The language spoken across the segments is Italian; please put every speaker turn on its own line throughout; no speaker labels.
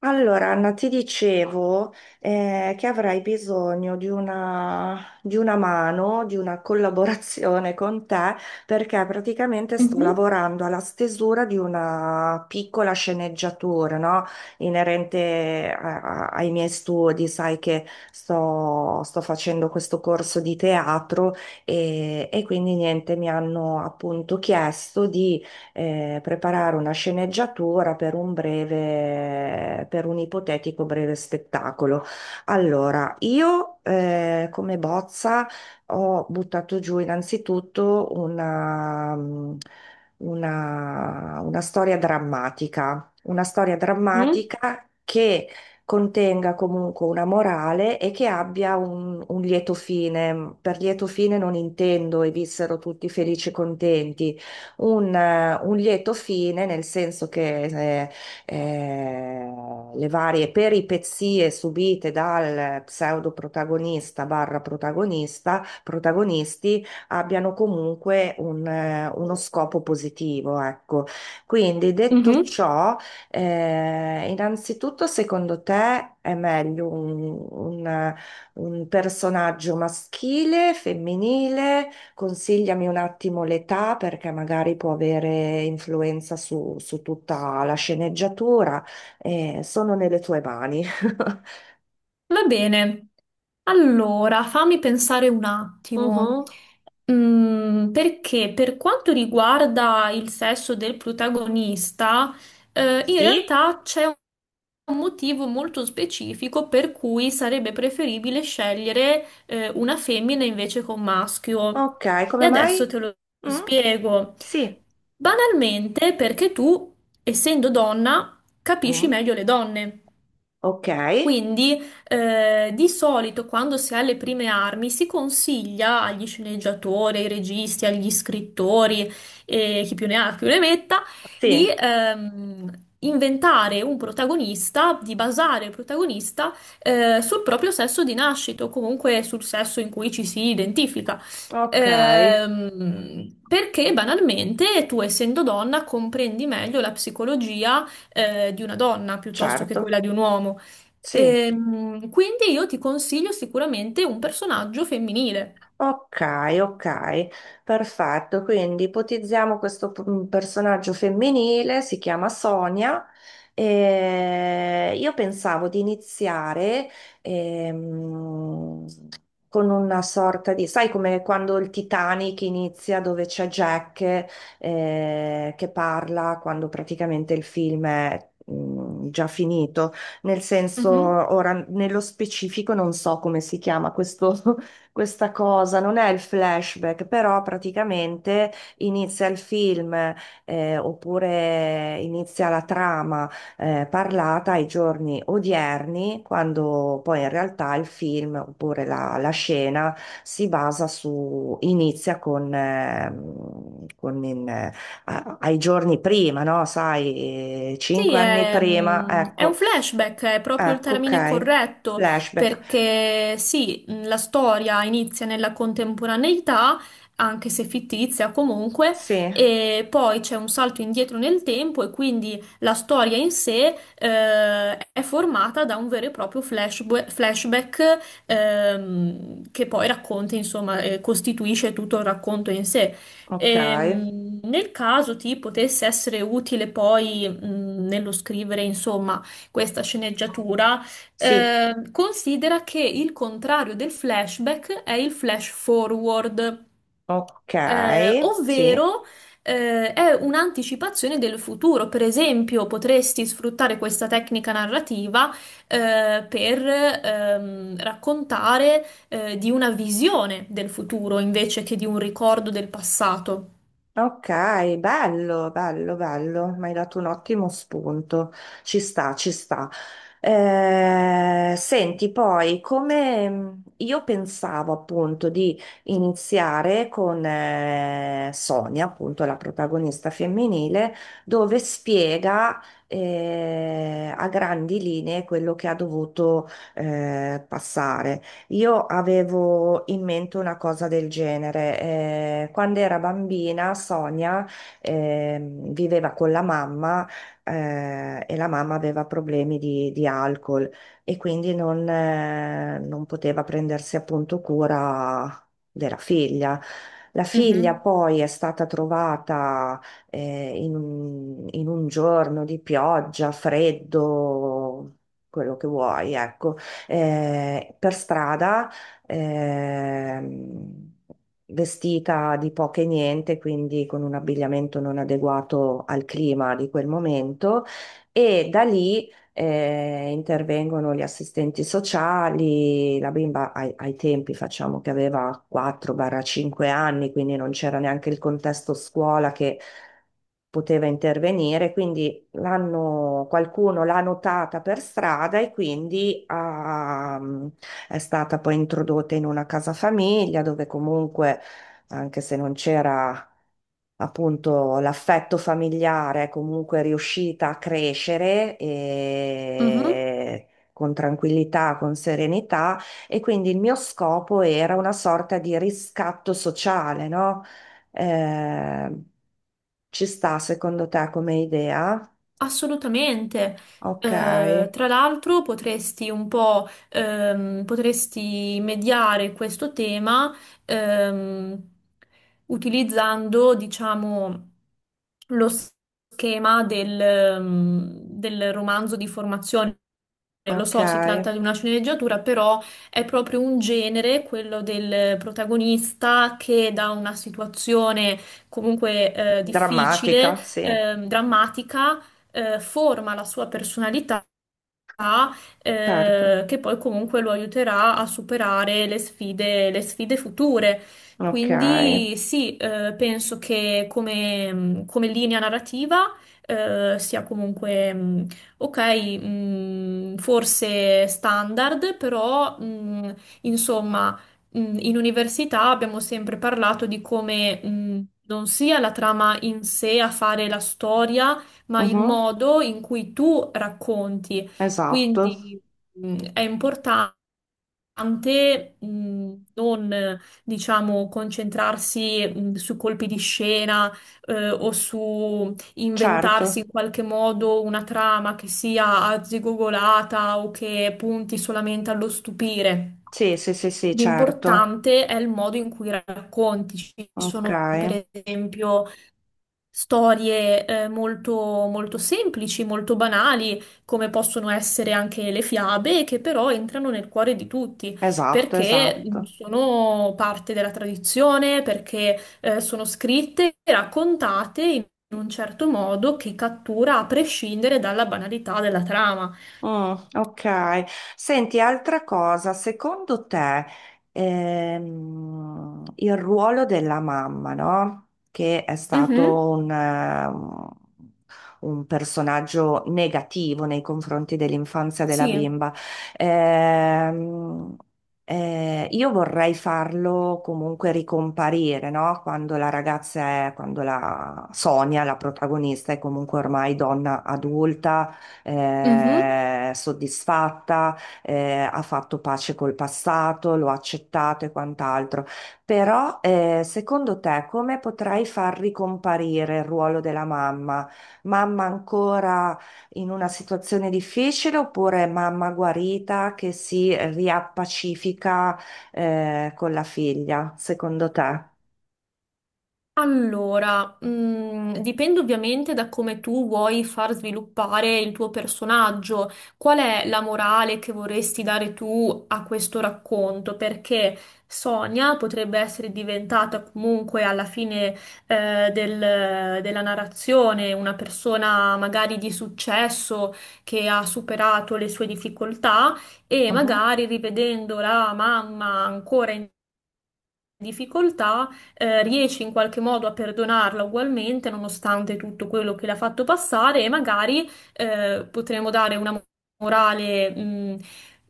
Allora, Anna, ti dicevo che avrai bisogno di una mano, di una collaborazione con te, perché praticamente sto
Mhm,
lavorando alla stesura di una piccola sceneggiatura, no? Inerente ai miei studi. Sai che sto facendo questo corso di teatro e quindi niente, mi hanno appunto chiesto preparare una sceneggiatura per un breve, per un ipotetico breve spettacolo. Allora, io come bozza ho buttato giù innanzitutto una storia drammatica, una storia
mhm,
drammatica che contenga comunque una morale e che abbia un lieto fine. Per lieto fine non intendo e vissero tutti felici e contenti, un lieto fine, nel senso che eh, le varie peripezie subite dal pseudo protagonista barra protagonista, protagonisti abbiano comunque uno scopo positivo, ecco. Quindi detto
mhm.
ciò, innanzitutto secondo te è meglio un personaggio maschile, femminile? Consigliami un attimo l'età perché magari può avere influenza su tutta la sceneggiatura. Sono nelle tue mani.
Va bene. Allora, fammi pensare un attimo.
Mhm.
Perché per quanto riguarda il sesso del protagonista, in
Sì?
realtà c'è un motivo molto specifico per cui sarebbe preferibile scegliere, una femmina invece che un maschio.
Ok,
E
come mai?
adesso te lo
Mm?
spiego.
Sì.
Banalmente, perché tu, essendo donna, capisci
Mm?
meglio le donne.
Ok.
Quindi, di solito quando si ha le prime armi si consiglia agli sceneggiatori, ai registi, agli scrittori, e chi più ne ha più ne metta,
Sì.
di inventare un protagonista, di basare il protagonista sul proprio sesso di nascita o comunque sul sesso in cui ci si identifica.
Ok.
Perché banalmente tu, essendo donna, comprendi meglio la psicologia di una donna piuttosto che quella
Certo.
di un uomo.
Sì.
Quindi io ti consiglio sicuramente un personaggio femminile.
Ok, ok, perfetto. Quindi ipotizziamo questo personaggio femminile, si chiama Sonia. E io pensavo di iniziare ehm, con una sorta di, sai come quando il Titanic inizia dove c'è Jack che parla quando praticamente il film è già finito. Nel senso,
Mhm.
ora nello specifico non so come si chiama questo questa cosa, non è il flashback, però praticamente inizia il film oppure inizia la trama parlata ai giorni odierni, quando poi in realtà il film oppure la scena si basa su, inizia con in, ai giorni prima, no? Sai,
Sì,
cinque anni
è,
prima,
mm, è un
ecco,
flashback, è proprio il
ecco,
termine
ok,
corretto,
flashback,
perché sì, la storia inizia nella contemporaneità, anche se fittizia comunque,
sì,
e poi c'è un salto indietro nel tempo e quindi la storia in sé, è formata da un vero e proprio flashback, che poi racconta, insomma, costituisce tutto il racconto in sé.
ok.
Nel caso ti potesse essere utile poi nello scrivere, insomma, questa sceneggiatura,
Sì,
considera che il contrario del flashback è il flash forward,
ok, sì,
ovvero è un'anticipazione del futuro. Per esempio, potresti sfruttare questa tecnica narrativa per raccontare di una visione del futuro invece che di un ricordo del passato.
ok, bello, bello, bello, mi hai dato un ottimo spunto, ci sta, ci sta. Senti, poi, come io pensavo appunto di iniziare con Sonia, appunto la protagonista femminile, dove spiega a grandi linee quello che ha dovuto passare. Io avevo in mente una cosa del genere. Quando era bambina, Sonia viveva con la mamma e la mamma aveva problemi di alcol e quindi non poteva prendersi appunto cura della figlia. La figlia
Mhm.
poi è stata trovata in un giorno di pioggia, freddo, quello che vuoi, ecco per strada, ehm, vestita di poco e niente, quindi con un abbigliamento non adeguato al clima di quel momento, e da lì intervengono gli assistenti sociali, la bimba ai tempi facciamo che aveva 4-5 anni, quindi non c'era neanche il contesto scuola che poteva intervenire, quindi l'hanno, qualcuno l'ha notata per strada e quindi è stata poi introdotta in una casa famiglia dove comunque, anche se non c'era appunto l'affetto familiare, è comunque riuscita a crescere
Mhm.
e con tranquillità, con serenità e quindi il mio scopo era una sorta di riscatto sociale, no? Eh, Ci sta secondo te come idea?
Assolutamente.
Ok,
Tra l'altro potresti mediare questo tema, ehm, utilizzando, diciamo, lo schema del romanzo di formazione. Lo
ok.
so, si tratta di una sceneggiatura, però è proprio un genere, quello del protagonista che da una situazione comunque difficile,
Drammatica, sì,
drammatica forma la sua personalità
certo.
che poi comunque lo aiuterà a superare le sfide future.
Ok.
Quindi sì, penso che come linea narrativa sia comunque ok, forse standard, però insomma in università abbiamo sempre parlato di come non sia la trama in sé a fare la storia, ma il
Mhm,
modo in cui tu racconti.
esatto,
Quindi è importante non, diciamo, concentrarsi su colpi di scena o su inventarsi in
certo.
qualche modo una trama che sia arzigogolata o che punti solamente allo stupire.
Sì, sì, sì, sì, certo.
L'importante è il modo in cui racconti. Ci
Ok,
sono, per esempio, storie molto, molto semplici, molto banali, come possono essere anche le fiabe, che però entrano nel cuore di tutti,
esatto,
perché
esatto.
sono parte della tradizione, perché sono scritte e raccontate in un certo modo che cattura a prescindere dalla banalità della trama.
Mm, ok. Senti, altra cosa, secondo te il ruolo della mamma, no? Che è
Mhm.
stato un personaggio negativo nei confronti dell'infanzia della
Sì.
bimba, ehm, io vorrei farlo comunque ricomparire, no? Quando la ragazza è, quando la Sonia, la protagonista, è comunque ormai donna adulta
Mhm.
soddisfatta, ha fatto pace col passato, lo ha accettato e quant'altro. Però, secondo te, come potrei far ricomparire il ruolo della mamma? Mamma ancora in una situazione difficile oppure mamma guarita che si riappacifica, con la figlia, secondo te?
Allora, dipende ovviamente da come tu vuoi far sviluppare il tuo personaggio, qual è la morale che vorresti dare tu a questo racconto, perché Sonia potrebbe essere diventata comunque alla fine, della narrazione una persona magari di successo che ha superato le sue difficoltà e
Mhm.
magari rivedendo la mamma ancora in difficoltà, riesce in qualche modo a perdonarla ugualmente, nonostante tutto quello che le ha fatto passare, e magari potremo dare una morale mh,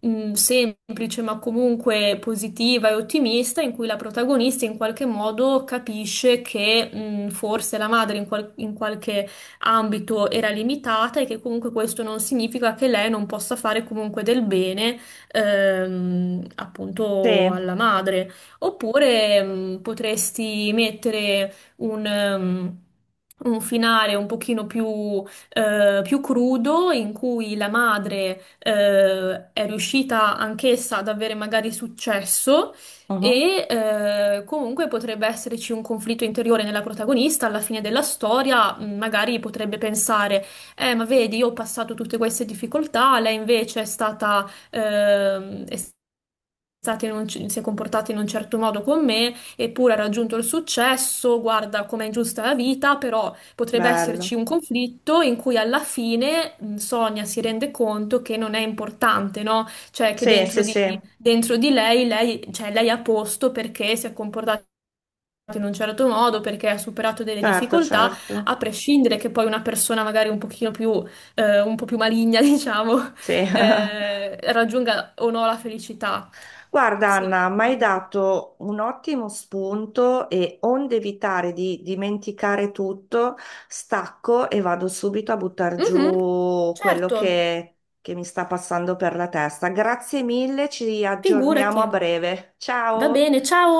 mh, semplice, ma comunque positiva e ottimista, in cui la protagonista in qualche modo capisce che forse la madre in qualche ambito era limitata e che comunque questo non significa che lei non possa fare comunque del bene, appunto
Sì,
alla madre. Oppure potresti mettere un finale un pochino più crudo in cui la madre è riuscita anch'essa ad avere magari successo.
Mhm.
E comunque potrebbe esserci un conflitto interiore nella protagonista, alla fine della storia, magari potrebbe pensare, ma vedi, io ho passato tutte queste difficoltà, lei invece è stata, è stati si è comportato in un certo modo con me, eppure ha raggiunto il successo, guarda com'è ingiusta la vita, però potrebbe esserci
Bello.
un conflitto in cui alla fine Sonia si rende conto che non è importante, no? Cioè che
Sì, sì,
dentro di,
sì,
dentro di lei, cioè, lei è a posto perché si è comportata in un certo modo, perché ha superato delle
certo,
difficoltà, a
certo.
prescindere che poi una persona magari un po' più maligna, diciamo,
Sì.
raggiunga o no la felicità.
Guarda,
Sì.
Anna, mi hai
Mhm.
dato un ottimo spunto e onde evitare di dimenticare tutto, stacco e vado subito a buttar giù quello
Certo,
che mi sta passando per la testa. Grazie mille, ci aggiorniamo
figurati.
a breve.
Va
Ciao!
bene, ciao.